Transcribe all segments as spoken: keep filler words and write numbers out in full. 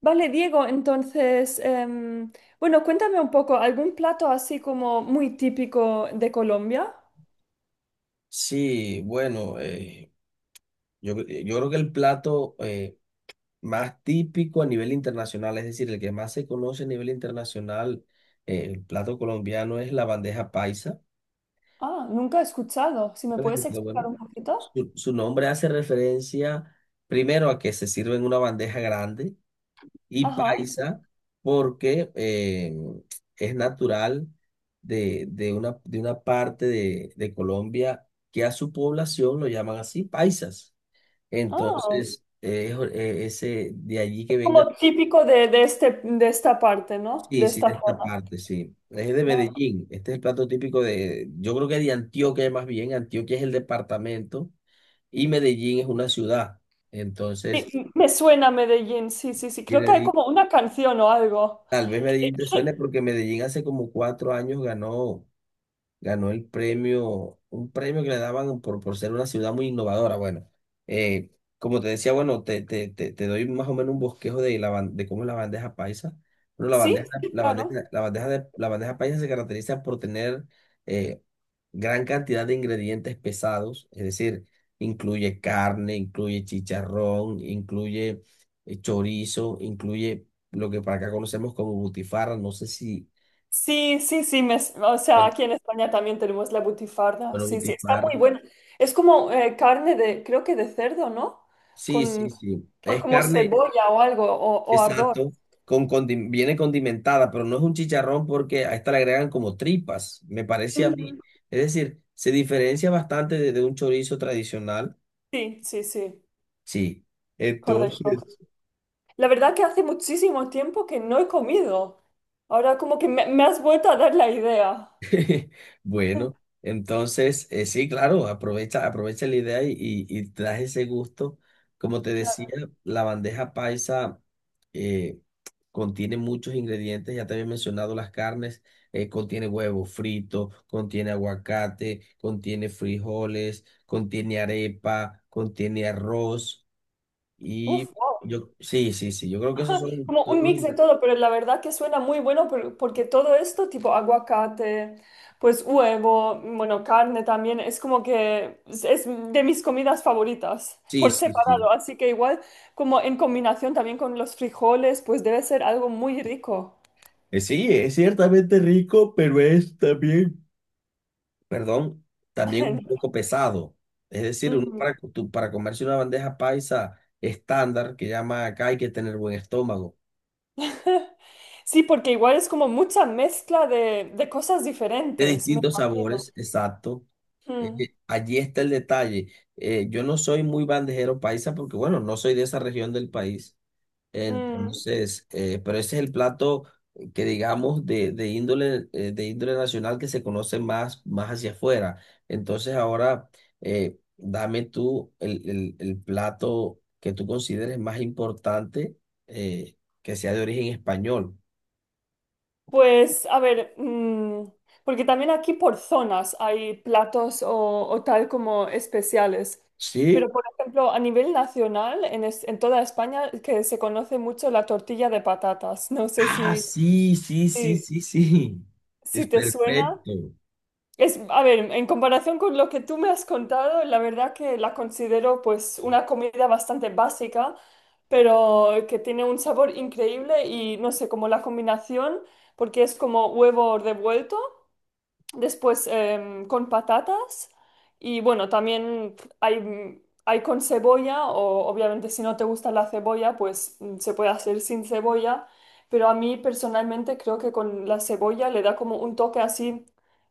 Vale, Diego, entonces, em, bueno, cuéntame un poco, ¿algún plato así como muy típico de Colombia? Sí, bueno, eh, yo, yo creo que el plato eh, más típico a nivel internacional, es decir, el que más se conoce a nivel internacional, eh, el plato colombiano es la bandeja paisa. Ah, nunca he escuchado. Si me puedes Pero, bueno, explicar un poquito. su, su nombre hace referencia primero a que se sirve en una bandeja grande y Ajá. paisa porque eh, es natural de, de una, de una parte de, de Colombia que a su población lo llaman así, paisas. Ah, Entonces, eh, jo- eh, ese, de allí que venga, como típico de, de este, de esta parte, ¿no? De sí, sí, esta de esta zona. parte, sí. Es de Vale. Medellín. Este es el plato típico de, yo creo que de Antioquia más bien. Antioquia es el departamento y Medellín es una ciudad. Sí, Entonces, m- me suena Medellín, sí, sí, sí. Creo viene de que hay ahí. como una canción o algo. Tal vez Medellín te suene porque Medellín hace como cuatro años ganó. Ganó el premio, un premio que le daban por, por ser una ciudad muy innovadora. Bueno, eh, como te decía, bueno, te, te, te, te doy más o menos un bosquejo de, la, ban- de cómo es la bandeja paisa. Bueno, la Sí, bandeja, sí, la claro. bandeja, la bandeja, de, la bandeja paisa se caracteriza por tener eh, gran cantidad de ingredientes pesados, es decir, incluye carne, incluye chicharrón, incluye eh, chorizo, incluye lo que para acá conocemos como butifarra, no sé si, Sí, sí, sí, me- o sea, bueno, aquí en España también tenemos la butifarra. bueno, Sí, sí, está butifarra. muy buena. Es como eh, carne de, creo que de cerdo, ¿no? Sí, sí, Con, sí. con Es como carne, cebolla o algo, o, o ardor. exacto, con condi- viene condimentada, pero no es un chicharrón porque a esta le agregan como tripas, me parece a Ujú. mí. Es decir, se diferencia bastante de, de un chorizo tradicional. Sí, sí, sí, Sí. Entonces, correcto. La verdad que hace muchísimo tiempo que no he comido. Ahora como que me, me has vuelto a dar la idea. bueno, entonces, eh, sí, claro, aprovecha, aprovecha la idea y, y, y trae ese gusto. Como te decía, Claro. la bandeja paisa eh, contiene muchos ingredientes, ya te había mencionado las carnes, eh, contiene huevo frito, contiene aguacate, contiene frijoles, contiene arepa, contiene arroz y Uf, wow. yo, sí, sí, sí, yo creo que esos son Como todos un los mix de ingre- todo, pero la verdad que suena muy bueno por- porque todo esto, tipo aguacate, pues huevo, bueno, carne también, es como que es es de mis comidas favoritas sí, por sí, sí. separado, así que igual como en combinación también con los frijoles, pues debe ser algo muy rico. Eh, Sí, es ciertamente rico, pero es también perdón, también un poco pesado. Es decir, uno Mm. para, co- tú- para comerse una bandeja paisa estándar, que llama acá, hay que tener buen estómago, Sí, porque igual es como mucha mezcla de, de cosas de diferentes, me distintos imagino. sabores, exacto. Eh, eh, allí está el detalle. Eh, yo no soy muy bandejero paisa porque, bueno, no soy de esa región del país. Mm, mm. Entonces, eh, pero ese es el plato que digamos de, de índole, eh, de índole nacional que se conoce más, más hacia afuera. Entonces ahora eh, dame tú el, el- el plato que tú consideres más importante eh, que sea de origen español. Pues, a ver, mm, porque también aquí por zonas hay platos o, o tal como especiales. Pero, ¿Sí? por ejemplo, a nivel nacional, en, es- en toda España, que se conoce mucho la tortilla de patatas. No sé Ah, si, sí, sí, sí, si, sí, sí. Es si te suena. perfecto. Es, a ver, en comparación con lo que tú me has contado, la verdad que la considero pues una comida bastante básica, pero que tiene un sabor increíble y no sé, como la combinación, porque es como huevo revuelto. Después em, con patatas y bueno, también hay, hay con cebolla o obviamente si no te gusta la cebolla, pues mm, se puede hacer sin cebolla, pero a mí personalmente creo que con la cebolla le da como un toque así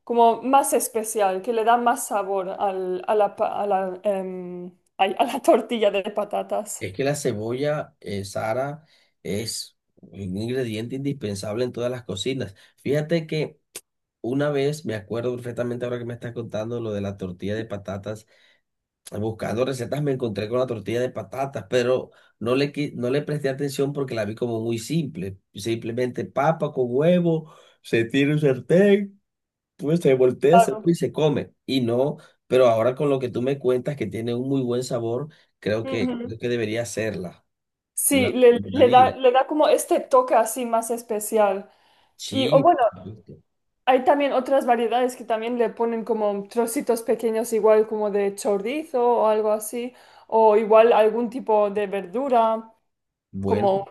como más especial, que le da más sabor al- a la, pa- a la, em, ay, a la tortilla de patatas. Es que la cebolla, eh, Sara, es un ingrediente indispensable en todas las cocinas. Fíjate que una vez, me acuerdo perfectamente ahora que me estás contando lo de la tortilla de patatas. Buscando recetas me encontré con la tortilla de patatas, pero no le, qui- no le presté atención porque la vi como muy simple. Simplemente papa con huevo, se tira un sartén, pues se voltea, se- Claro. y se come. Y no, pero ahora con lo que tú me cuentas que tiene un muy buen sabor, creo que, Ujú. creo que debería hacerla. Me la Sí, le, le da, recomendaría. le da como este toque así más especial. Y o Sí, bueno, por supuesto. Hay también otras variedades que también le ponen como trocitos pequeños, igual como de chorizo o algo así, o igual algún tipo de verdura, Bueno, como,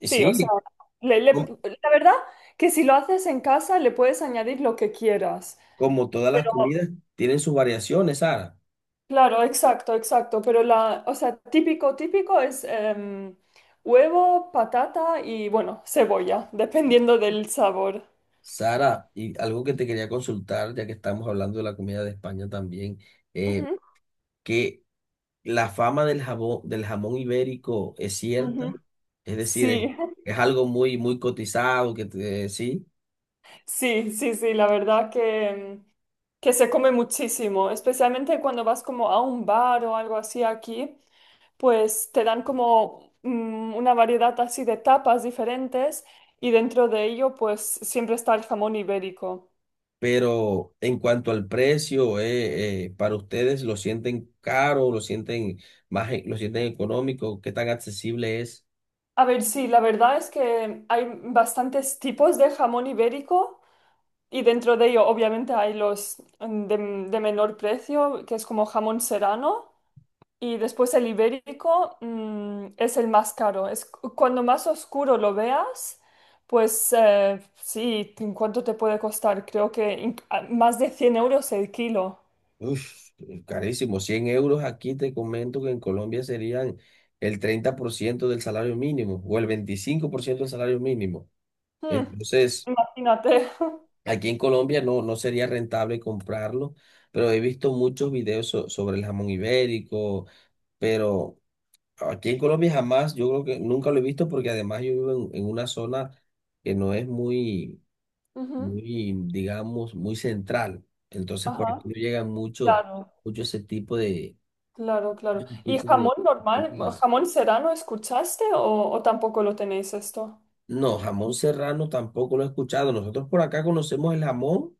y sí, o sea, sí. le- le- la verdad que si lo haces en casa le puedes añadir lo que quieras, Como todas las pero comidas, tienen sus variaciones, Sara. claro, exacto, exacto, pero la, o sea, típico, típico es em, huevo, patata y bueno, cebolla, dependiendo del sabor. Sara, y algo que te quería consultar, ya que estamos hablando de la comida de España también, eh, Ujú, que la fama del jabón, del jamón ibérico es cierta, ujú. es decir, es, Sí, es algo muy, muy cotizado, que te- sí, sí, sí, sí, la verdad que... em, que se come muchísimo, especialmente cuando vas como a un bar o algo así aquí, pues te dan como mm, una variedad así de tapas diferentes y dentro de ello pues siempre está el jamón ibérico. pero en cuanto al precio, eh, eh, para ustedes lo sienten caro, lo sienten más, e- lo sienten económico, ¿qué tan accesible es? A ver, sí, la verdad es que hay bastantes tipos de jamón ibérico y dentro de ello obviamente hay los mm, de, de menor precio, que es como jamón serrano. Y después el ibérico, mm, es el más caro. Es, cu- cuando más oscuro lo veas, pues eh, sí, ¿en ¿cuánto te puede costar? Creo que inc- a- más de cien euros el kilo. Uf, carísimo. Cien euros, aquí te comento que en Colombia serían el treinta por ciento del salario mínimo o el veinticinco por ciento del salario mínimo. Hmm, Entonces, Imagínate. aquí en Colombia no, no sería rentable comprarlo, pero he visto muchos videos so- sobre el jamón ibérico, pero aquí en Colombia jamás, yo creo que nunca lo he visto porque además yo vivo en, en una zona que no es muy, Ujú, muy, digamos, muy central. Entonces, por ajá, aquí no llegan mucho, claro, mucho ese tipo de claro, claro. ese ¿Y tipo de jamón normal? comidas. ¿Jamón serrano escuchaste o, o tampoco lo tenéis esto? No, jamón serrano tampoco lo he escuchado. Nosotros por acá conocemos el jamón,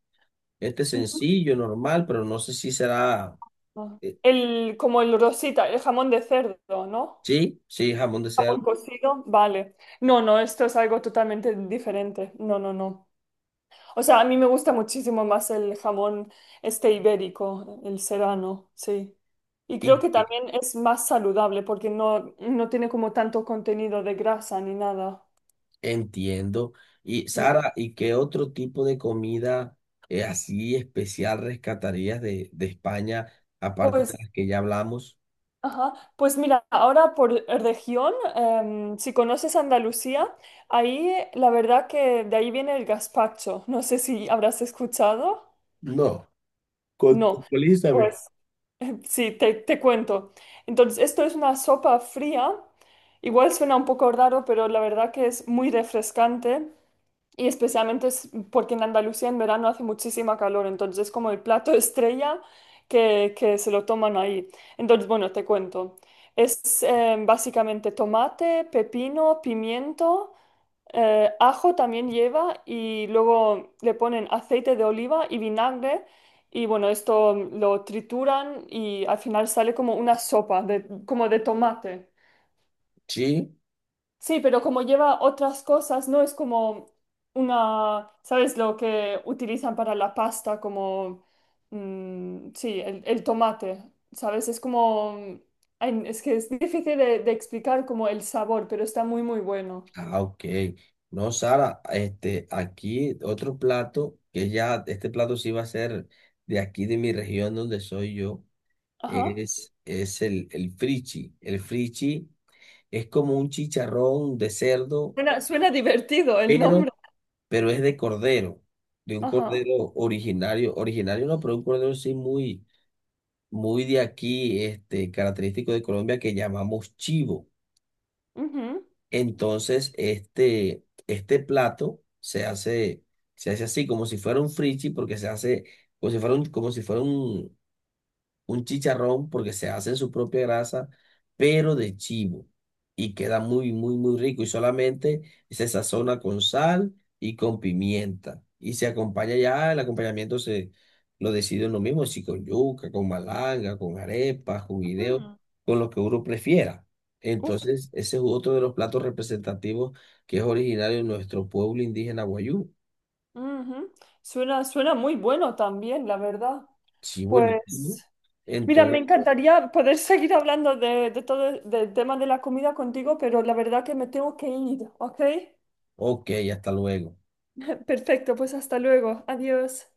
este sencillo, normal, pero no sé si será, Ujú. eh, El, como el rosita, el jamón de cerdo, ¿no? sí, sí, jamón de cerdo. Jamón cocido, vale. No, no, esto es algo totalmente diferente. No, no, no. O sea, a mí me gusta muchísimo más el jamón este ibérico, el serrano, sí. Y creo Y que eh, también es más saludable porque no, no tiene como tanto contenido de grasa ni nada. Entiendo. Y Mm, Sara, ¿y qué otro tipo de comida eh, así especial rescatarías de, de España, aparte de Pues, las que ya hablamos? ajá. Pues mira, ahora por región, em, si conoces Andalucía, ahí la verdad que de ahí viene el gazpacho. No sé si habrás escuchado. No, No. contextualízame. Pues sí, te, te cuento. Entonces, esto es una sopa fría. Igual suena un poco raro, pero la verdad que es muy refrescante y especialmente es porque en Andalucía en verano hace muchísima calor, entonces es como el plato estrella que, que se lo toman ahí. Entonces, bueno, te cuento. Es eh, básicamente tomate, pepino, pimiento. Eh, ajo también lleva y luego le ponen aceite de oliva y vinagre y bueno, esto lo trituran y al final sale como una sopa de, como de tomate. Sí. Sí, pero como lleva otras cosas, no es como una, ¿sabes lo que utilizan para la pasta? Como, mm, sí, el, el tomate, ¿sabes? Es como, ay, es que es difícil de, de explicar como el sabor, pero está muy, muy bueno. Ah, ok. No, Sara, este, aquí otro plato, que ya, este plato sí va a ser de aquí de mi región donde soy yo, Ajá. es, es el, el frichi. El frichi es como un chicharrón de cerdo, Suena, suena divertido el pero, nombre. pero es de cordero, de un Ajá. cordero originario, originario no, pero un cordero sí muy, muy de aquí, este, característico de Colombia que llamamos chivo. Ujú. Entonces, este, este plato se hace, se hace así, como si fuera un frichi, porque se hace como si fuera un, como si fuera un, un chicharrón porque se hace en su propia grasa, pero de chivo. Y queda muy, muy, muy rico. Y solamente se sazona con sal y con pimienta. Y se acompaña ya, el acompañamiento se lo decide uno mismo, si con yuca, con malanga, con arepas, con guineo, Mm, con lo que uno prefiera. uf, Entonces, ese es otro de los platos representativos que es originario de nuestro pueblo indígena Guayú. ujú. Suena, suena muy bueno también, la verdad. Sí, buenísimo. Pues, mira, me Entonces, encantaría poder seguir hablando de, de todo, el del tema de la comida contigo, pero la verdad que me tengo que ir, ¿ok? ok, hasta luego. Perfecto, pues hasta luego. Adiós.